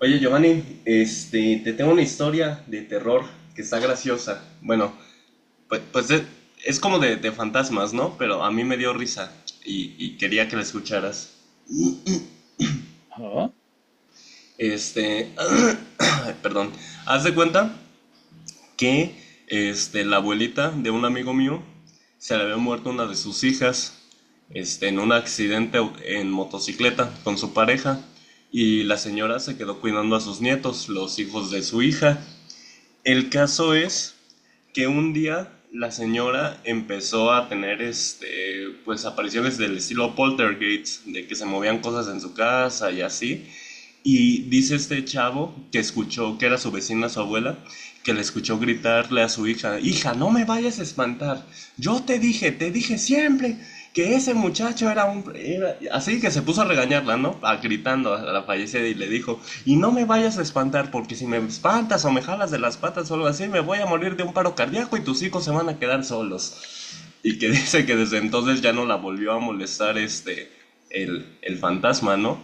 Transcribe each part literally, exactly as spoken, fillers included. Oye, Giovanni, este, te tengo una historia de terror que está graciosa. Bueno, pues, pues es, es como de, de fantasmas, ¿no? Pero a mí me dio risa y, y quería que la escucharas. Ajá. Este, perdón, haz de cuenta que este, la abuelita de un amigo mío se le había muerto una de sus hijas este, en un accidente au- en motocicleta con su pareja, y la señora se quedó cuidando a sus nietos, los hijos de su hija. El caso es que un día la señora empezó a tener este pues apariciones del estilo poltergeist, de que se movían cosas en su casa y así, y dice este chavo que escuchó, que era su vecina, su abuela, que le escuchó gritarle a su hija: "Hija, no me vayas a espantar. Yo te dije, te dije siempre que ese muchacho era un... era-". Así que se puso a regañarla, ¿no? A- gritando a la fallecida y le dijo: "Y no me vayas a espantar, porque si me espantas o me jalas de las patas o algo así, me voy a morir de un paro cardíaco y tus hijos se van a quedar solos". Y que dice que desde entonces ya no la volvió a molestar, este, el, el fantasma, ¿no?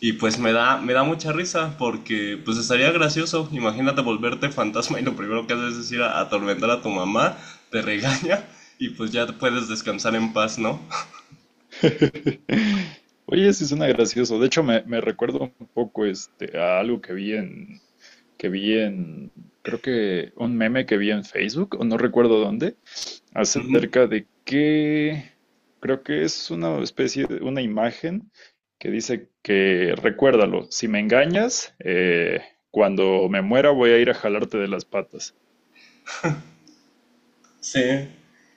Y pues me da, me da mucha risa porque pues estaría gracioso. Imagínate volverte fantasma y lo primero que haces es ir a atormentar a tu mamá, te regaña y pues ya puedes descansar en paz, ¿no? Oye, sí suena gracioso. De hecho, me, me recuerda un poco este, a algo que vi en, que vi en, creo que un meme que vi en Facebook, o no recuerdo dónde, Ujú. acerca de que, creo que es una especie de, una imagen que dice que, recuérdalo, si me engañas, eh, cuando me muera voy a ir a jalarte de las patas. Sí,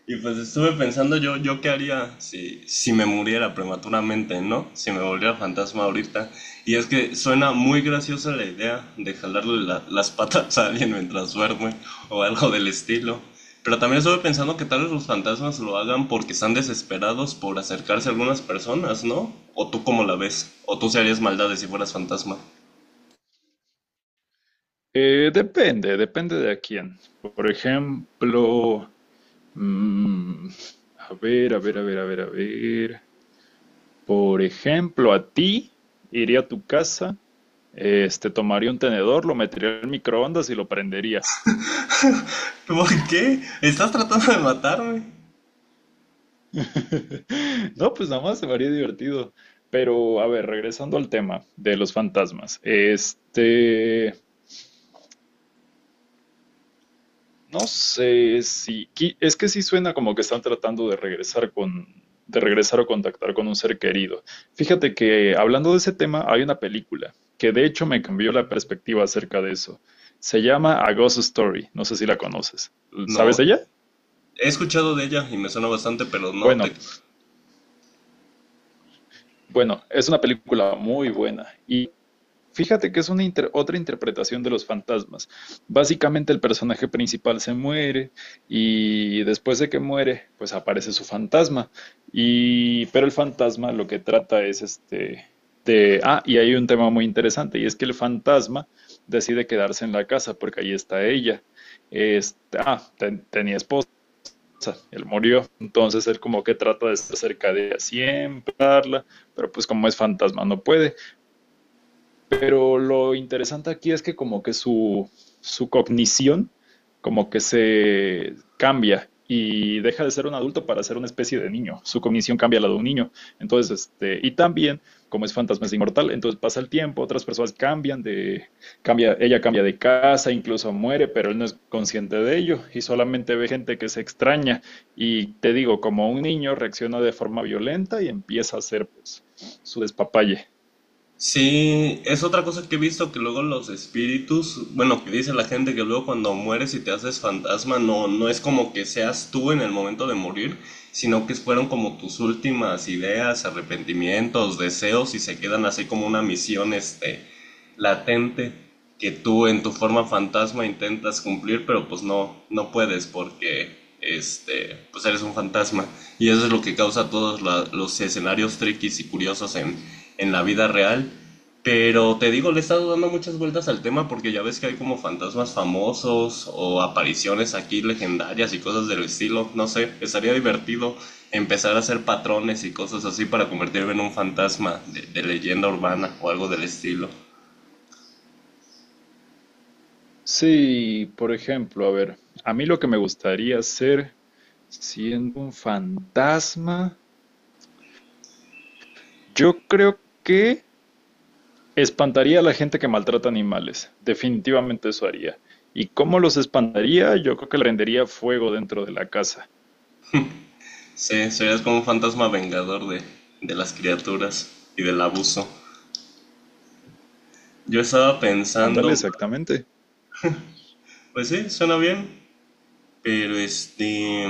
y pues estuve pensando, yo, yo qué haría si, si me muriera prematuramente, ¿no? Si me volviera fantasma ahorita. Y es que suena muy graciosa la idea de jalarle la- las patas a alguien mientras duerme o algo del estilo. Pero también estuve pensando que tal vez los fantasmas lo hagan porque están desesperados por acercarse a algunas personas, ¿no? O tú cómo la ves, o tú se harías maldades si fueras fantasma. Eh, depende, depende de a quién. Por ejemplo... Mm, a ver, a ver, a ver, a ver, a ver. Por ejemplo, a ti iría a tu casa, este, tomaría un tenedor, lo metería al microondas y lo prendería. ¿Por qué? ¿Estás tratando de matarme? No, pues nada más se me haría divertido. Pero, a ver, regresando al tema de los fantasmas. Este, No sé si, qui- es que sí suena como que están tratando de regresar con, de regresar o contactar con un ser querido. Fíjate que hablando de ese tema, hay una película que de hecho me cambió la perspectiva acerca de eso. Se llama A Ghost Story, no sé si la conoces. ¿Sabes No, de ella? he escuchado de ella y me suena bastante, pero no, te... Bueno, bueno, es una película muy buena y fíjate que es una inter- otra interpretación de los fantasmas. Básicamente el personaje principal se muere y después de que muere, pues aparece su fantasma. Y pero el fantasma lo que trata es este de ah, y hay un tema muy interesante y es que el fantasma decide quedarse en la casa porque ahí está ella. Este, ah, ten- tenía esposa, él murió, entonces él como que trata de estar cerca de ella siempre, hablarla, pero pues como es fantasma no puede. Pero lo interesante aquí es que como que su, su cognición como que se cambia y deja de ser un adulto para ser una especie de niño. Su cognición cambia a la de un niño. Entonces, este, y también, como es fantasma, es inmortal, entonces pasa el tiempo, otras personas cambian de, cambia, ella cambia de casa, incluso muere, pero él no es consciente de ello y solamente ve gente que se extraña. Y te digo, como un niño reacciona de forma violenta y empieza a hacer pues, su despapalle. Sí, es otra cosa que he visto que luego los espíritus, bueno, que dice la gente que luego cuando mueres y te haces fantasma, no, no es como que seas tú en el momento de morir, sino que fueron como tus últimas ideas, arrepentimientos, deseos, y se quedan así como una misión, este, latente, que tú en tu forma fantasma intentas cumplir, pero pues no, no puedes porque este, pues eres un fantasma. Y eso es lo que causa todos la- los escenarios triquis y curiosos en, en la vida real. Pero te digo, le he estado dando muchas vueltas al tema porque ya ves que hay como fantasmas famosos o apariciones aquí legendarias y cosas del estilo. No sé, estaría divertido empezar a hacer patrones y cosas así para convertirme en un fantasma de, de leyenda urbana o algo del estilo. Sí, por ejemplo, a ver, a mí lo que me gustaría hacer siendo un fantasma, yo creo que espantaría a la gente que maltrata animales. Definitivamente eso haría. ¿Y cómo los espantaría? Yo creo que le rendería fuego dentro de la casa. Sí, serías como un fantasma vengador de, de las criaturas y del abuso. Yo estaba Ándale, pensando, exactamente. pues sí, suena bien, pero este,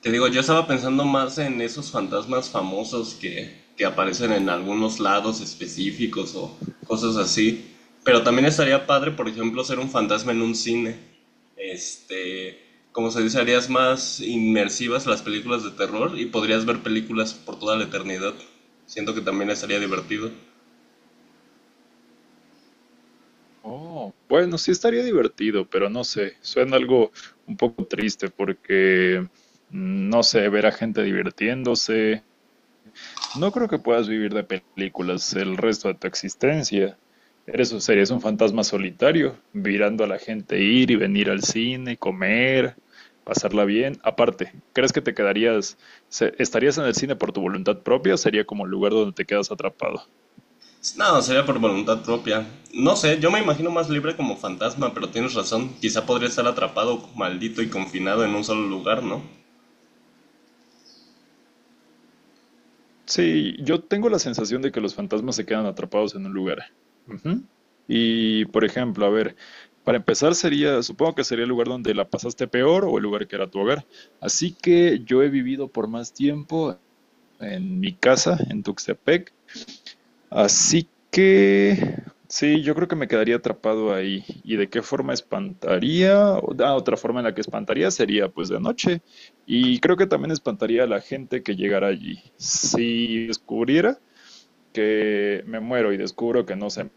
te digo, yo estaba pensando más en esos fantasmas famosos que, que aparecen en algunos lados específicos o cosas así. Pero también estaría padre, por ejemplo, ser un fantasma en un cine. Este, como se dice, harías más inmersivas las películas de terror y podrías ver películas por toda la eternidad. Siento que también estaría divertido. Oh, bueno, sí estaría divertido, pero no sé, suena algo un poco triste porque, mm, no sé, ver a gente divirtiéndose. No creo que puedas vivir de películas el resto de tu existencia. Eres, o serías un fantasma solitario, mirando a la gente ir y venir al cine, comer, pasarla bien. Aparte, ¿crees que te quedarías, se- estarías en el cine por tu voluntad propia o sería como el lugar donde te quedas atrapado? No, sería por voluntad propia. No sé, yo me imagino más libre como fantasma, pero tienes razón. Quizá podría estar atrapado, maldito y confinado en un solo lugar, ¿no? Sí, yo tengo la sensación de que los fantasmas se quedan atrapados en un lugar. Ujú. Y, por ejemplo, a ver, para empezar sería, supongo que sería el lugar donde la pasaste peor o el lugar que era tu hogar. Así que yo he vivido por más tiempo en mi casa, en Tuxtepec. Así que, sí, yo creo que me quedaría atrapado ahí. ¿Y de qué forma espantaría? O- Ah, otra forma en la que espantaría sería pues de noche. Y creo que también espantaría a la gente que llegara allí. Si descubriera que me muero y descubro que no sé,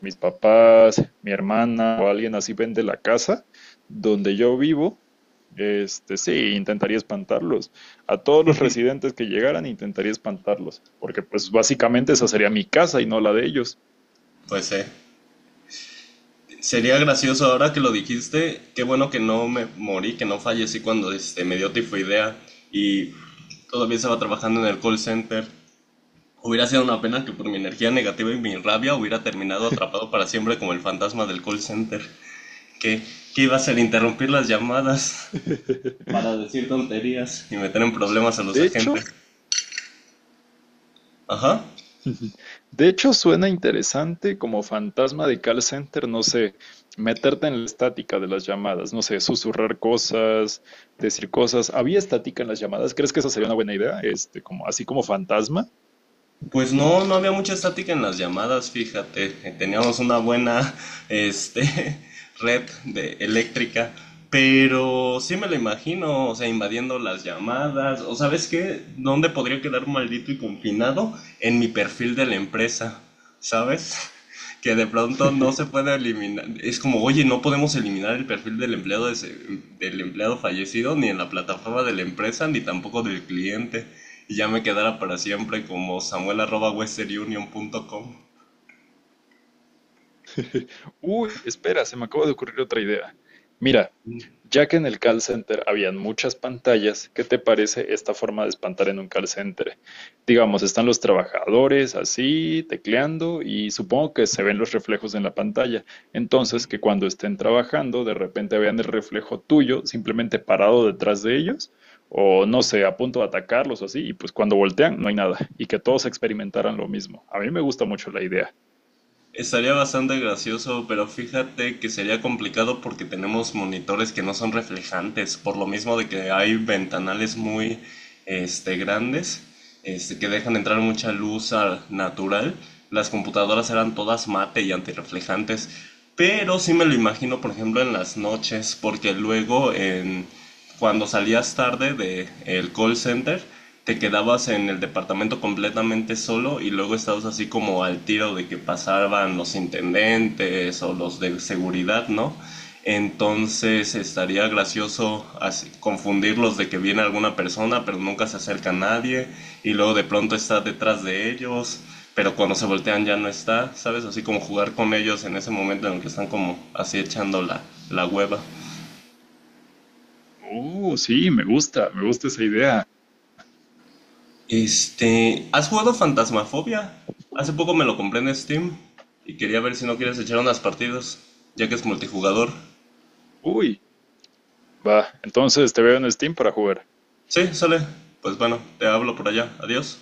mis papás, mi hermana o alguien así vende la casa donde yo vivo, este, sí, intentaría espantarlos. A todos los residentes que llegaran, intentaría espantarlos, porque pues básicamente esa sería mi casa y no la de ellos. Pues eh, sería gracioso ahora que lo dijiste. Qué bueno que no me morí, que no fallecí cuando este, me dio tifoidea y todavía estaba trabajando en el call center. Hubiera sido una pena que por mi energía negativa y mi rabia hubiera terminado atrapado para siempre como el fantasma del call center. Que, que iba a hacer interrumpir las llamadas para decir tonterías y meter en problemas a los De agentes. hecho, Ajá. de hecho suena interesante como fantasma de call center, no sé, meterte en la estática de las llamadas, no sé, susurrar cosas, decir cosas. ¿Había estática en las llamadas? ¿Crees que esa sería una buena idea? Este, como, así como fantasma. Pues no, no había mucha estática en las llamadas, fíjate. Teníamos una buena, este, red de eléctrica. Pero sí me lo imagino, o sea, invadiendo las llamadas. O sabes qué, ¿dónde podría quedar maldito y confinado? En mi perfil de la empresa, ¿sabes? Que de pronto no se puede eliminar. Es como, oye, no podemos eliminar el perfil del empleado, des- del empleado fallecido, ni en la plataforma de la empresa, ni tampoco del cliente, y ya me quedara para siempre como samuel punto western union punto com. Uy, espera, se me acaba de ocurrir otra idea. Mira, ya que en el call center habían muchas pantallas, ¿qué te parece esta forma de espantar en un call center? Digamos, están los trabajadores así, tecleando, y supongo que se ven los reflejos en la pantalla. Entonces, que cuando estén trabajando, de repente vean el reflejo tuyo simplemente parado detrás de ellos, o no sé, a punto de atacarlos o así, y pues cuando voltean no hay nada, y que todos experimentaran lo mismo. A mí me gusta mucho la idea. Estaría bastante gracioso, pero fíjate que sería complicado porque tenemos monitores que no son reflejantes, por lo mismo de que hay ventanales muy este, grandes, este, que dejan entrar mucha luz al natural. Las computadoras eran todas mate y antirreflejantes, pero sí me lo imagino, por ejemplo, en las noches, porque luego en... cuando salías tarde de el call center, te quedabas en el departamento completamente solo y luego estabas así como al tiro de que pasaban los intendentes o los de seguridad, ¿no? Entonces estaría gracioso así- confundirlos de que viene alguna persona, pero nunca se acerca a nadie, y luego de pronto estás detrás de ellos, pero cuando se voltean ya no está, ¿sabes? Así como jugar con ellos en ese momento en el que están como así echando la, la hueva. Uh, sí, me gusta, me gusta esa idea. Este, ¿has jugado Fantasmafobia? Hace poco me lo compré en Steam y quería ver si no quieres echar unas partidas, ya que es multijugador. Uy, va, entonces te veo en Steam para jugar. Sí, sale. Pues bueno, te hablo por allá. Adiós.